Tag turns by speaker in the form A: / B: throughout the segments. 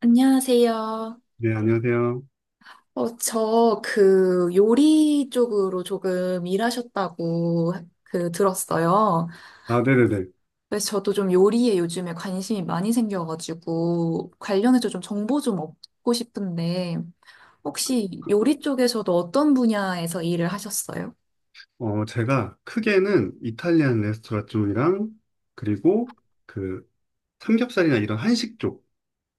A: 안녕하세요.
B: 네, 안녕하세요.
A: 저 그 요리 쪽으로 조금 일하셨다고 그 들었어요.
B: 아, 네네네.
A: 그래서 저도 좀 요리에 요즘에 관심이 많이 생겨가지고 관련해서 좀 정보 좀 얻고 싶은데 혹시 요리 쪽에서도 어떤 분야에서 일을 하셨어요?
B: 제가 크게는 이탈리안 레스토랑 쪽이랑, 그리고 그 삼겹살이나 이런 한식 쪽,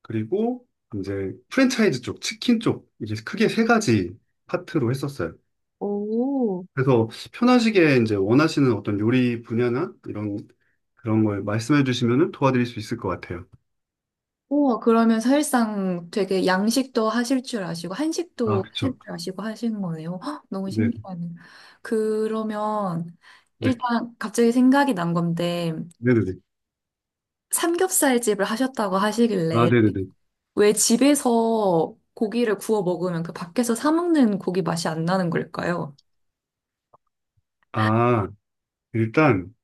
B: 그리고 이제 프랜차이즈 쪽, 치킨 쪽, 이게 크게 세 가지 파트로 했었어요.
A: 오.
B: 그래서 편하시게 이제 원하시는 어떤 요리 분야나 이런, 그런 걸 말씀해 주시면 도와드릴 수 있을 것 같아요.
A: 우와, 그러면 사실상 되게 양식도 하실 줄 아시고,
B: 아,
A: 한식도 하실
B: 그쵸.
A: 줄 아시고 하시는 거네요. 헉, 너무
B: 네,
A: 신기하네요. 그러면
B: 네.
A: 일단 갑자기 생각이 난 건데,
B: 네네네.
A: 삼겹살 집을 하셨다고
B: 아,
A: 하시길래,
B: 네네네.
A: 왜 집에서 고기를 구워 먹으면 그 밖에서 사 먹는 고기 맛이 안 나는 걸까요?
B: 아, 일단,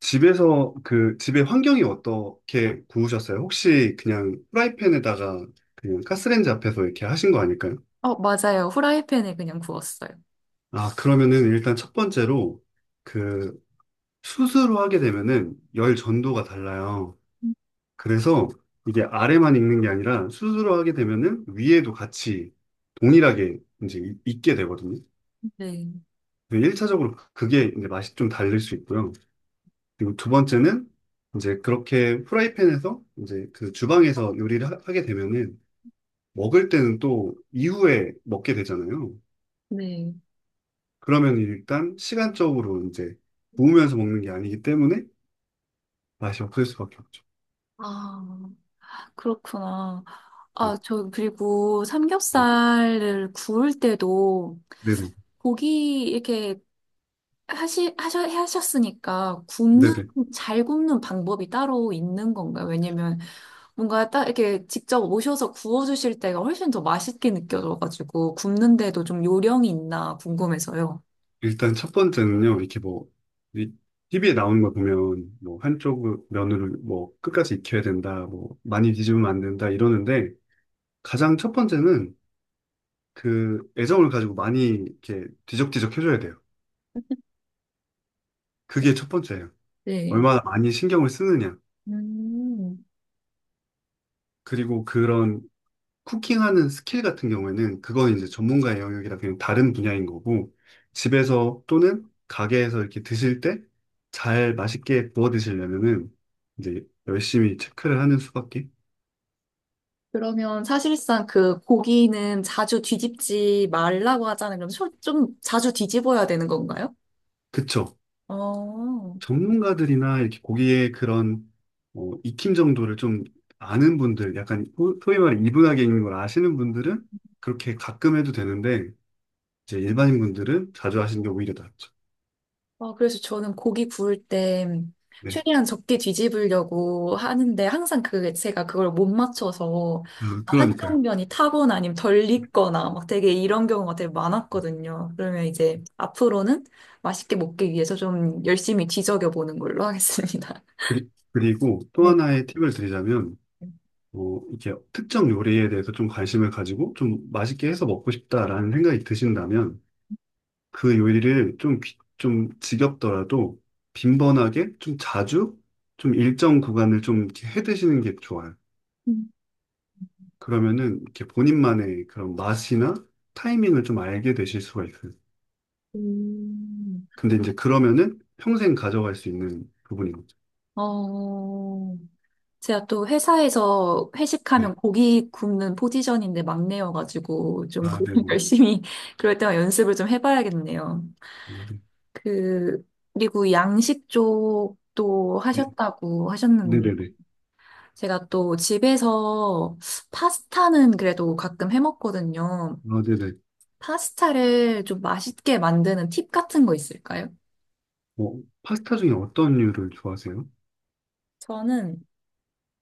B: 집에서 그 집의 환경이 어떻게 구우셨어요? 혹시 그냥 프라이팬에다가 그냥 가스레인지 앞에서 이렇게 하신 거 아닐까요?
A: 어, 맞아요. 후라이팬에 그냥 구웠어요.
B: 아, 그러면은 일단 첫 번째로 그 숯으로 하게 되면은 열 전도가 달라요. 그래서 이게 아래만 익는 게 아니라 숯으로 하게 되면은 위에도 같이 동일하게 이제 익게 되거든요.
A: 네,
B: 1차적으로 그게 이제 맛이 좀 다를 수 있고요. 그리고 두 번째는 이제 그렇게 프라이팬에서 이제 그 주방에서 요리를 게 되면은 먹을 때는 또 이후에 먹게 되잖아요.
A: 네.
B: 그러면 일단 시간적으로 이제 구우면서 먹는 게 아니기 때문에 맛이 없을 수밖에 없죠.
A: 아, 그렇구나. 아,
B: 음,
A: 저, 그리고
B: 음.
A: 삼겹살을 구울 때도
B: 네네.
A: 고기 이렇게 하셨으니까
B: 네네.
A: 잘 굽는 방법이 따로 있는 건가요? 왜냐면 뭔가 딱 이렇게 직접 오셔서 구워주실 때가 훨씬 더 맛있게 느껴져가지고 굽는데도 좀 요령이 있나 궁금해서요.
B: 일단 첫 번째는요, 이렇게 뭐, 이 TV에 나오는 거 보면 뭐 한쪽 면을 뭐 끝까지 익혀야 된다, 뭐 많이 뒤집으면 안 된다 이러는데 가장 첫 번째는 그 애정을 가지고 많이 이렇게 뒤적뒤적 해줘야 돼요. 그게 첫 번째예요.
A: 네.
B: 얼마나 많이 신경을 쓰느냐.
A: 음,
B: 그리고 그런 쿠킹하는 스킬 같은 경우에는 그건 이제 전문가의 영역이라 그냥 다른 분야인 거고 집에서 또는 가게에서 이렇게 드실 때 잘 맛있게 구워 드시려면은 이제 열심히 체크를 하는 수밖에.
A: 그러면 사실상 그 고기는 자주 뒤집지 말라고 하잖아요. 그럼 좀 자주 뒤집어야 되는 건가요?
B: 그쵸.
A: 어.
B: 전문가들이나 이렇게 고기의 그런 익힘 정도를 좀 아는 분들, 약간 소위 말해 이분하게 익는 걸 아시는 분들은 그렇게 가끔 해도 되는데 이제 일반인 분들은 자주 하시는 게 오히려 낫죠.
A: 어, 그래서 저는 고기 구울 때
B: 네,
A: 최대한 적게 뒤집으려고 하는데 항상 그 제가 그걸 못 맞춰서
B: 그러니까요.
A: 한쪽 면이 타거나 아니면 덜 익거나 막 되게 이런 경우가 되게 많았거든요. 그러면 이제 앞으로는 맛있게 먹기 위해서 좀 열심히 뒤적여 보는 걸로 하겠습니다.
B: 그리고 또
A: 네.
B: 하나의 팁을 드리자면 이렇게 특정 요리에 대해서 좀 관심을 가지고 좀 맛있게 해서 먹고 싶다라는 생각이 드신다면 그 요리를 좀, 좀 지겹더라도 빈번하게 좀 자주 좀 일정 구간을 좀 이렇게 해 드시는 게 좋아요. 그러면은 이렇게 본인만의 그런 맛이나 타이밍을 좀 알게 되실 수가 있어요.
A: 음.
B: 근데 이제 그러면은 평생 가져갈 수 있는 부분인 거죠.
A: 어, 제가 또 회사에서
B: 네.
A: 회식하면 고기 굽는 포지션인데 막내여가지고 좀
B: 아,
A: 그걸
B: 네네.
A: 열심히 그럴 때만 연습을 좀 해봐야겠네요. 그, 그리고 양식 쪽도
B: 네.
A: 하셨다고 하셨는데
B: 네네네.
A: 제가 또 집에서 파스타는 그래도 가끔 해먹거든요.
B: 아, 네네.
A: 파스타를 좀 맛있게 만드는 팁 같은 거 있을까요?
B: 파스타 중에 어떤 류를 좋아하세요?
A: 저는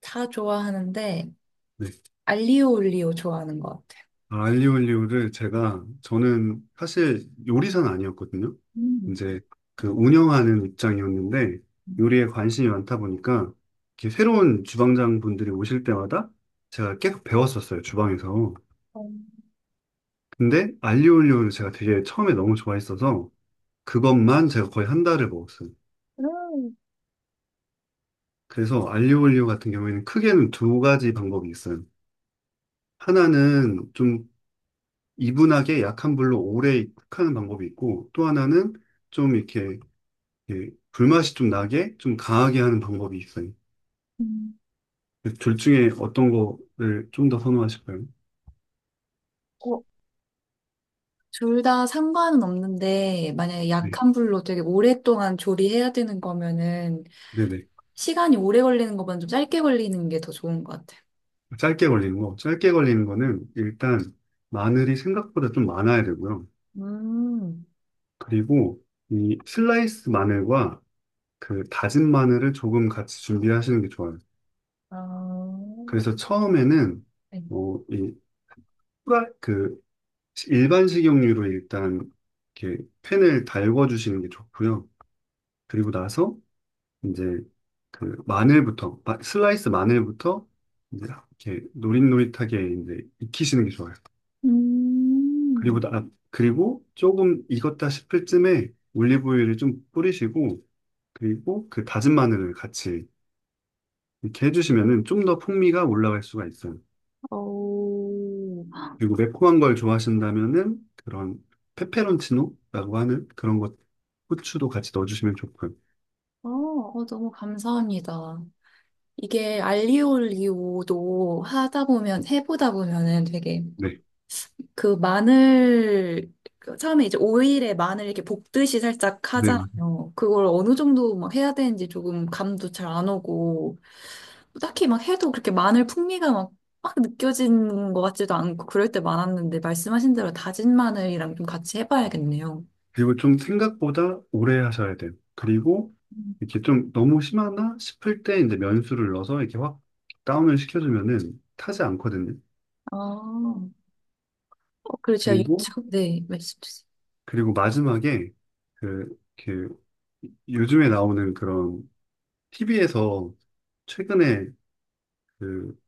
A: 다 좋아하는데
B: 네.
A: 알리오 올리오 좋아하는 것 같아요.
B: 아, 알리올리오를 제가 저는 사실 요리사는 아니었거든요.
A: 음.
B: 이제 그 운영하는 입장이었는데
A: 음,
B: 요리에 관심이 많다 보니까 이렇게 새로운 주방장 분들이 오실 때마다 제가 계속 배웠었어요, 주방에서. 근데 알리올리오를 제가 되게 처음에 너무 좋아했어서 그것만 제가 거의 한 달을 먹었어요. 그래서 알리올리오 같은 경우에는 크게는 두 가지 방법이 있어요. 하나는 좀 이분하게 약한 불로 오래 익하는 방법이 있고 또 하나는 좀 이렇게 예, 불맛이 좀 나게 좀 강하게 하는 방법이 있어요.
A: 음.
B: 둘 중에 어떤 거를 좀 더 선호하실까요?
A: 어, 둘 다 상관은 없는데, 만약에
B: 네,
A: 약한 불로 되게 오랫동안 조리해야 되는 거면은,
B: 네네.
A: 시간이 오래 걸리는 것보다 좀 짧게 걸리는 게 더 좋은 것 같아요.
B: 짧게 걸리는 거. 짧게 걸리는 거는 일단 마늘이 생각보다 좀 많아야 되고요.
A: 음,
B: 그리고 이 슬라이스 마늘과 그 다진 마늘을 조금 같이 준비하시는 게 좋아요.
A: 아,
B: 그래서 처음에는
A: 네.
B: 이 후라 그 일반 식용유로 일단 이렇게 팬을 달궈 주시는 게 좋고요. 그리고 나서 이제 그 마늘부터 슬라이스 마늘부터 이제 이렇게 노릇노릇하게 이제 익히시는 게 좋아요.
A: 음,
B: 그리고 조금 익었다 싶을 쯤에 올리브유를 좀 뿌리시고 그리고 그 다진 마늘을 같이 이렇게 해주시면은 좀 더 풍미가 올라갈 수가 있어요.
A: 오.
B: 그리고 매콤한 걸 좋아하신다면은 그런 페페론치노라고 하는 그런 것 후추도 같이 넣어주시면 좋고요.
A: 어, 어, 너무 감사합니다. 이게 알리오 올리오도 해보다 보면은 되게
B: 네,
A: 그 마늘 그 처음에 이제 오일에 마늘 이렇게 볶듯이 살짝
B: 네,
A: 하잖아요. 그걸 어느 정도 막 해야 되는지 조금 감도 잘 안 오고 딱히 막 해도 그렇게 마늘 풍미가 막 느껴지는 것 같지도 않고 그럴 때 많았는데 말씀하신 대로 다진 마늘이랑 좀 같이 해봐야겠네요.
B: 그리고 좀 생각보다 오래 하셔야 돼요. 그리고
A: 음.
B: 이렇게 좀 너무 심하나 싶을 때 이제 면수를 넣어서 이렇게 확 다운을 시켜주면은 타지 않거든요.
A: 아, 어, 그리고 제가
B: 그리고,
A: 유튜브, 네, 말씀 주세요.
B: 그리고 마지막에 그, 그, 요즘에 나오는 그런 TV에서 최근에 그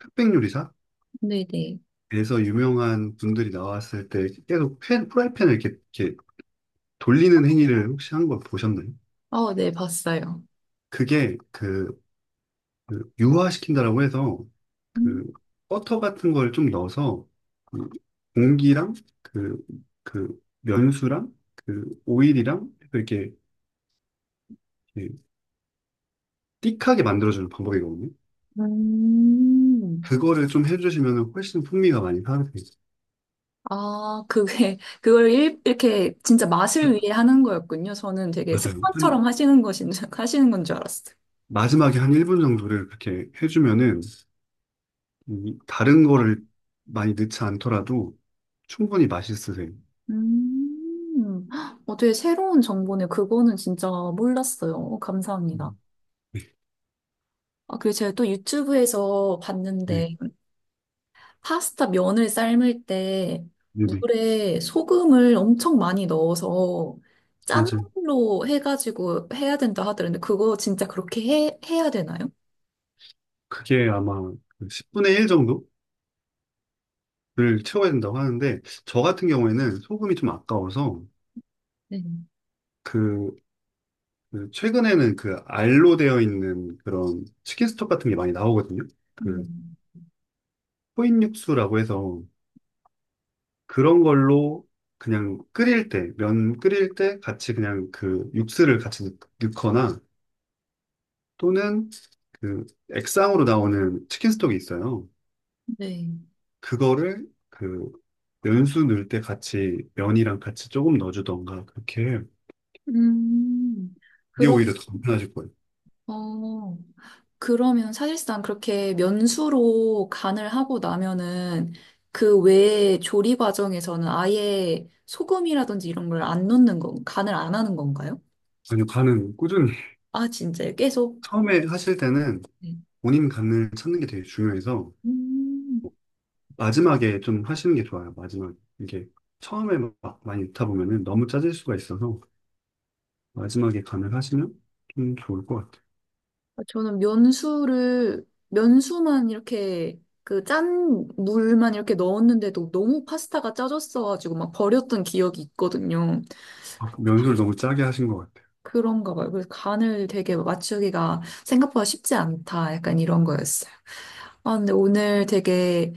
B: 흑백요리사에서
A: 네, 네.
B: 유명한 분들이 나왔을 때 계속 프라이팬을 이렇게, 이렇게 돌리는 행위를 혹시 한 걸 보셨나요?
A: 어, 네, 봤어요.
B: 그게 그 유화시킨다라고 해서
A: 음.
B: 그 버터 같은 걸 좀 넣어서 그 공기랑 그, 그 면수랑 그 오일이랑 이렇게, 이렇게 띡하게 만들어주는 방법이거든요.
A: 음.
B: 그거를 좀 해주시면 훨씬 풍미가 많이 살아나요.
A: 아, 그게, 이렇게 진짜 맛을 위해 하는 거였군요. 저는 되게
B: 맞아요.
A: 습관처럼 하시는 건 줄 알았어요.
B: 마지막에 한 1분 정도를 그렇게 해주면은 이 다른 거를 많이 넣지 않더라도 충분히 맛있으세요.
A: 음, 어, 되게 새로운 정보네. 그거는 진짜 몰랐어요. 어, 감사합니다.
B: 음, 네,
A: 아, 그리고 제가 또 유튜브에서
B: 네,
A: 봤는데, 파스타 면을 삶을 때
B: 네, 네.
A: 물에 소금을 엄청 많이 넣어서 짠
B: 맞아요.
A: 물로 해가지고 해야 된다 하더라는데, 그거 진짜 그렇게 해야 되나요?
B: 그게 아마 그 10분의 1 정도 를 채워야 된다고 하는데 저 같은 경우에는 소금이 좀 아까워서
A: 네. 네.
B: 그, 그 최근에는 그 알로 되어 있는 그런 치킨 스톡 같은 게 많이 나오거든요. 그
A: 음.
B: 코인 육수라고 해서 그런 걸로 그냥 끓일 때, 면 끓일 때 같이 그냥 그 육수를 같이 넣거나 또는 그 액상으로 나오는 치킨 스톡이 있어요.
A: 네.
B: 그거를 그 면수 넣을 때 같이 면이랑 같이 조금 넣어주던가 그렇게 해요.
A: 음,
B: 그게
A: 그럼,
B: 오히려 더 간편하실 거예요.
A: 어, 그러면 사실상 그렇게 면수로 간을 하고 나면은 그 외에 조리 과정에서는 아예 소금이라든지 이런 걸 안 넣는 건, 간을 안 하는 건가요?
B: 아니요, 가능. 꾸준히.
A: 아, 진짜요? 계속?
B: 처음에 하실 때는
A: 네.
B: 본인 감을 찾는 게 되게 중요해서
A: 음,
B: 마지막에 좀 하시는 게 좋아요. 마지막에. 이게 처음에 막 많이 읽다 보면은 너무 짜질 수가 있어서 마지막에 감을 하시면 좀 좋을 것 같아요.
A: 저는 면수만 이렇게 그 짠 물만 이렇게 넣었는데도 너무 파스타가 짜졌어가지고 막 버렸던 기억이 있거든요.
B: 아, 연습을 너무 짜게 하신 것 같아요.
A: 그런가 봐요. 그래서 간을 되게 맞추기가 생각보다 쉽지 않다. 약간 이런 거였어요. 아, 근데 오늘 되게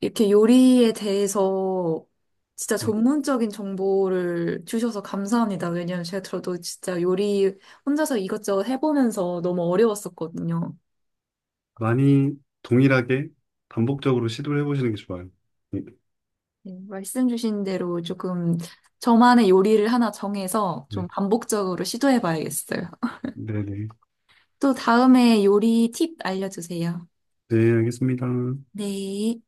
A: 이렇게 요리에 대해서 진짜
B: 네.
A: 전문적인 정보를 주셔서 감사합니다. 왜냐면 제가 저도 진짜 요리 혼자서 이것저것 해보면서 너무 어려웠었거든요.
B: 많이 동일하게 반복적으로 시도를 해보시는 게 좋아요. 네,
A: 네, 말씀 주신 대로 조금 저만의 요리를 하나 정해서 좀
B: 네,
A: 반복적으로 시도해봐야겠어요.
B: 네. 네,
A: 또 다음에 요리 팁 알려주세요.
B: 네, 알겠습니다.
A: 네.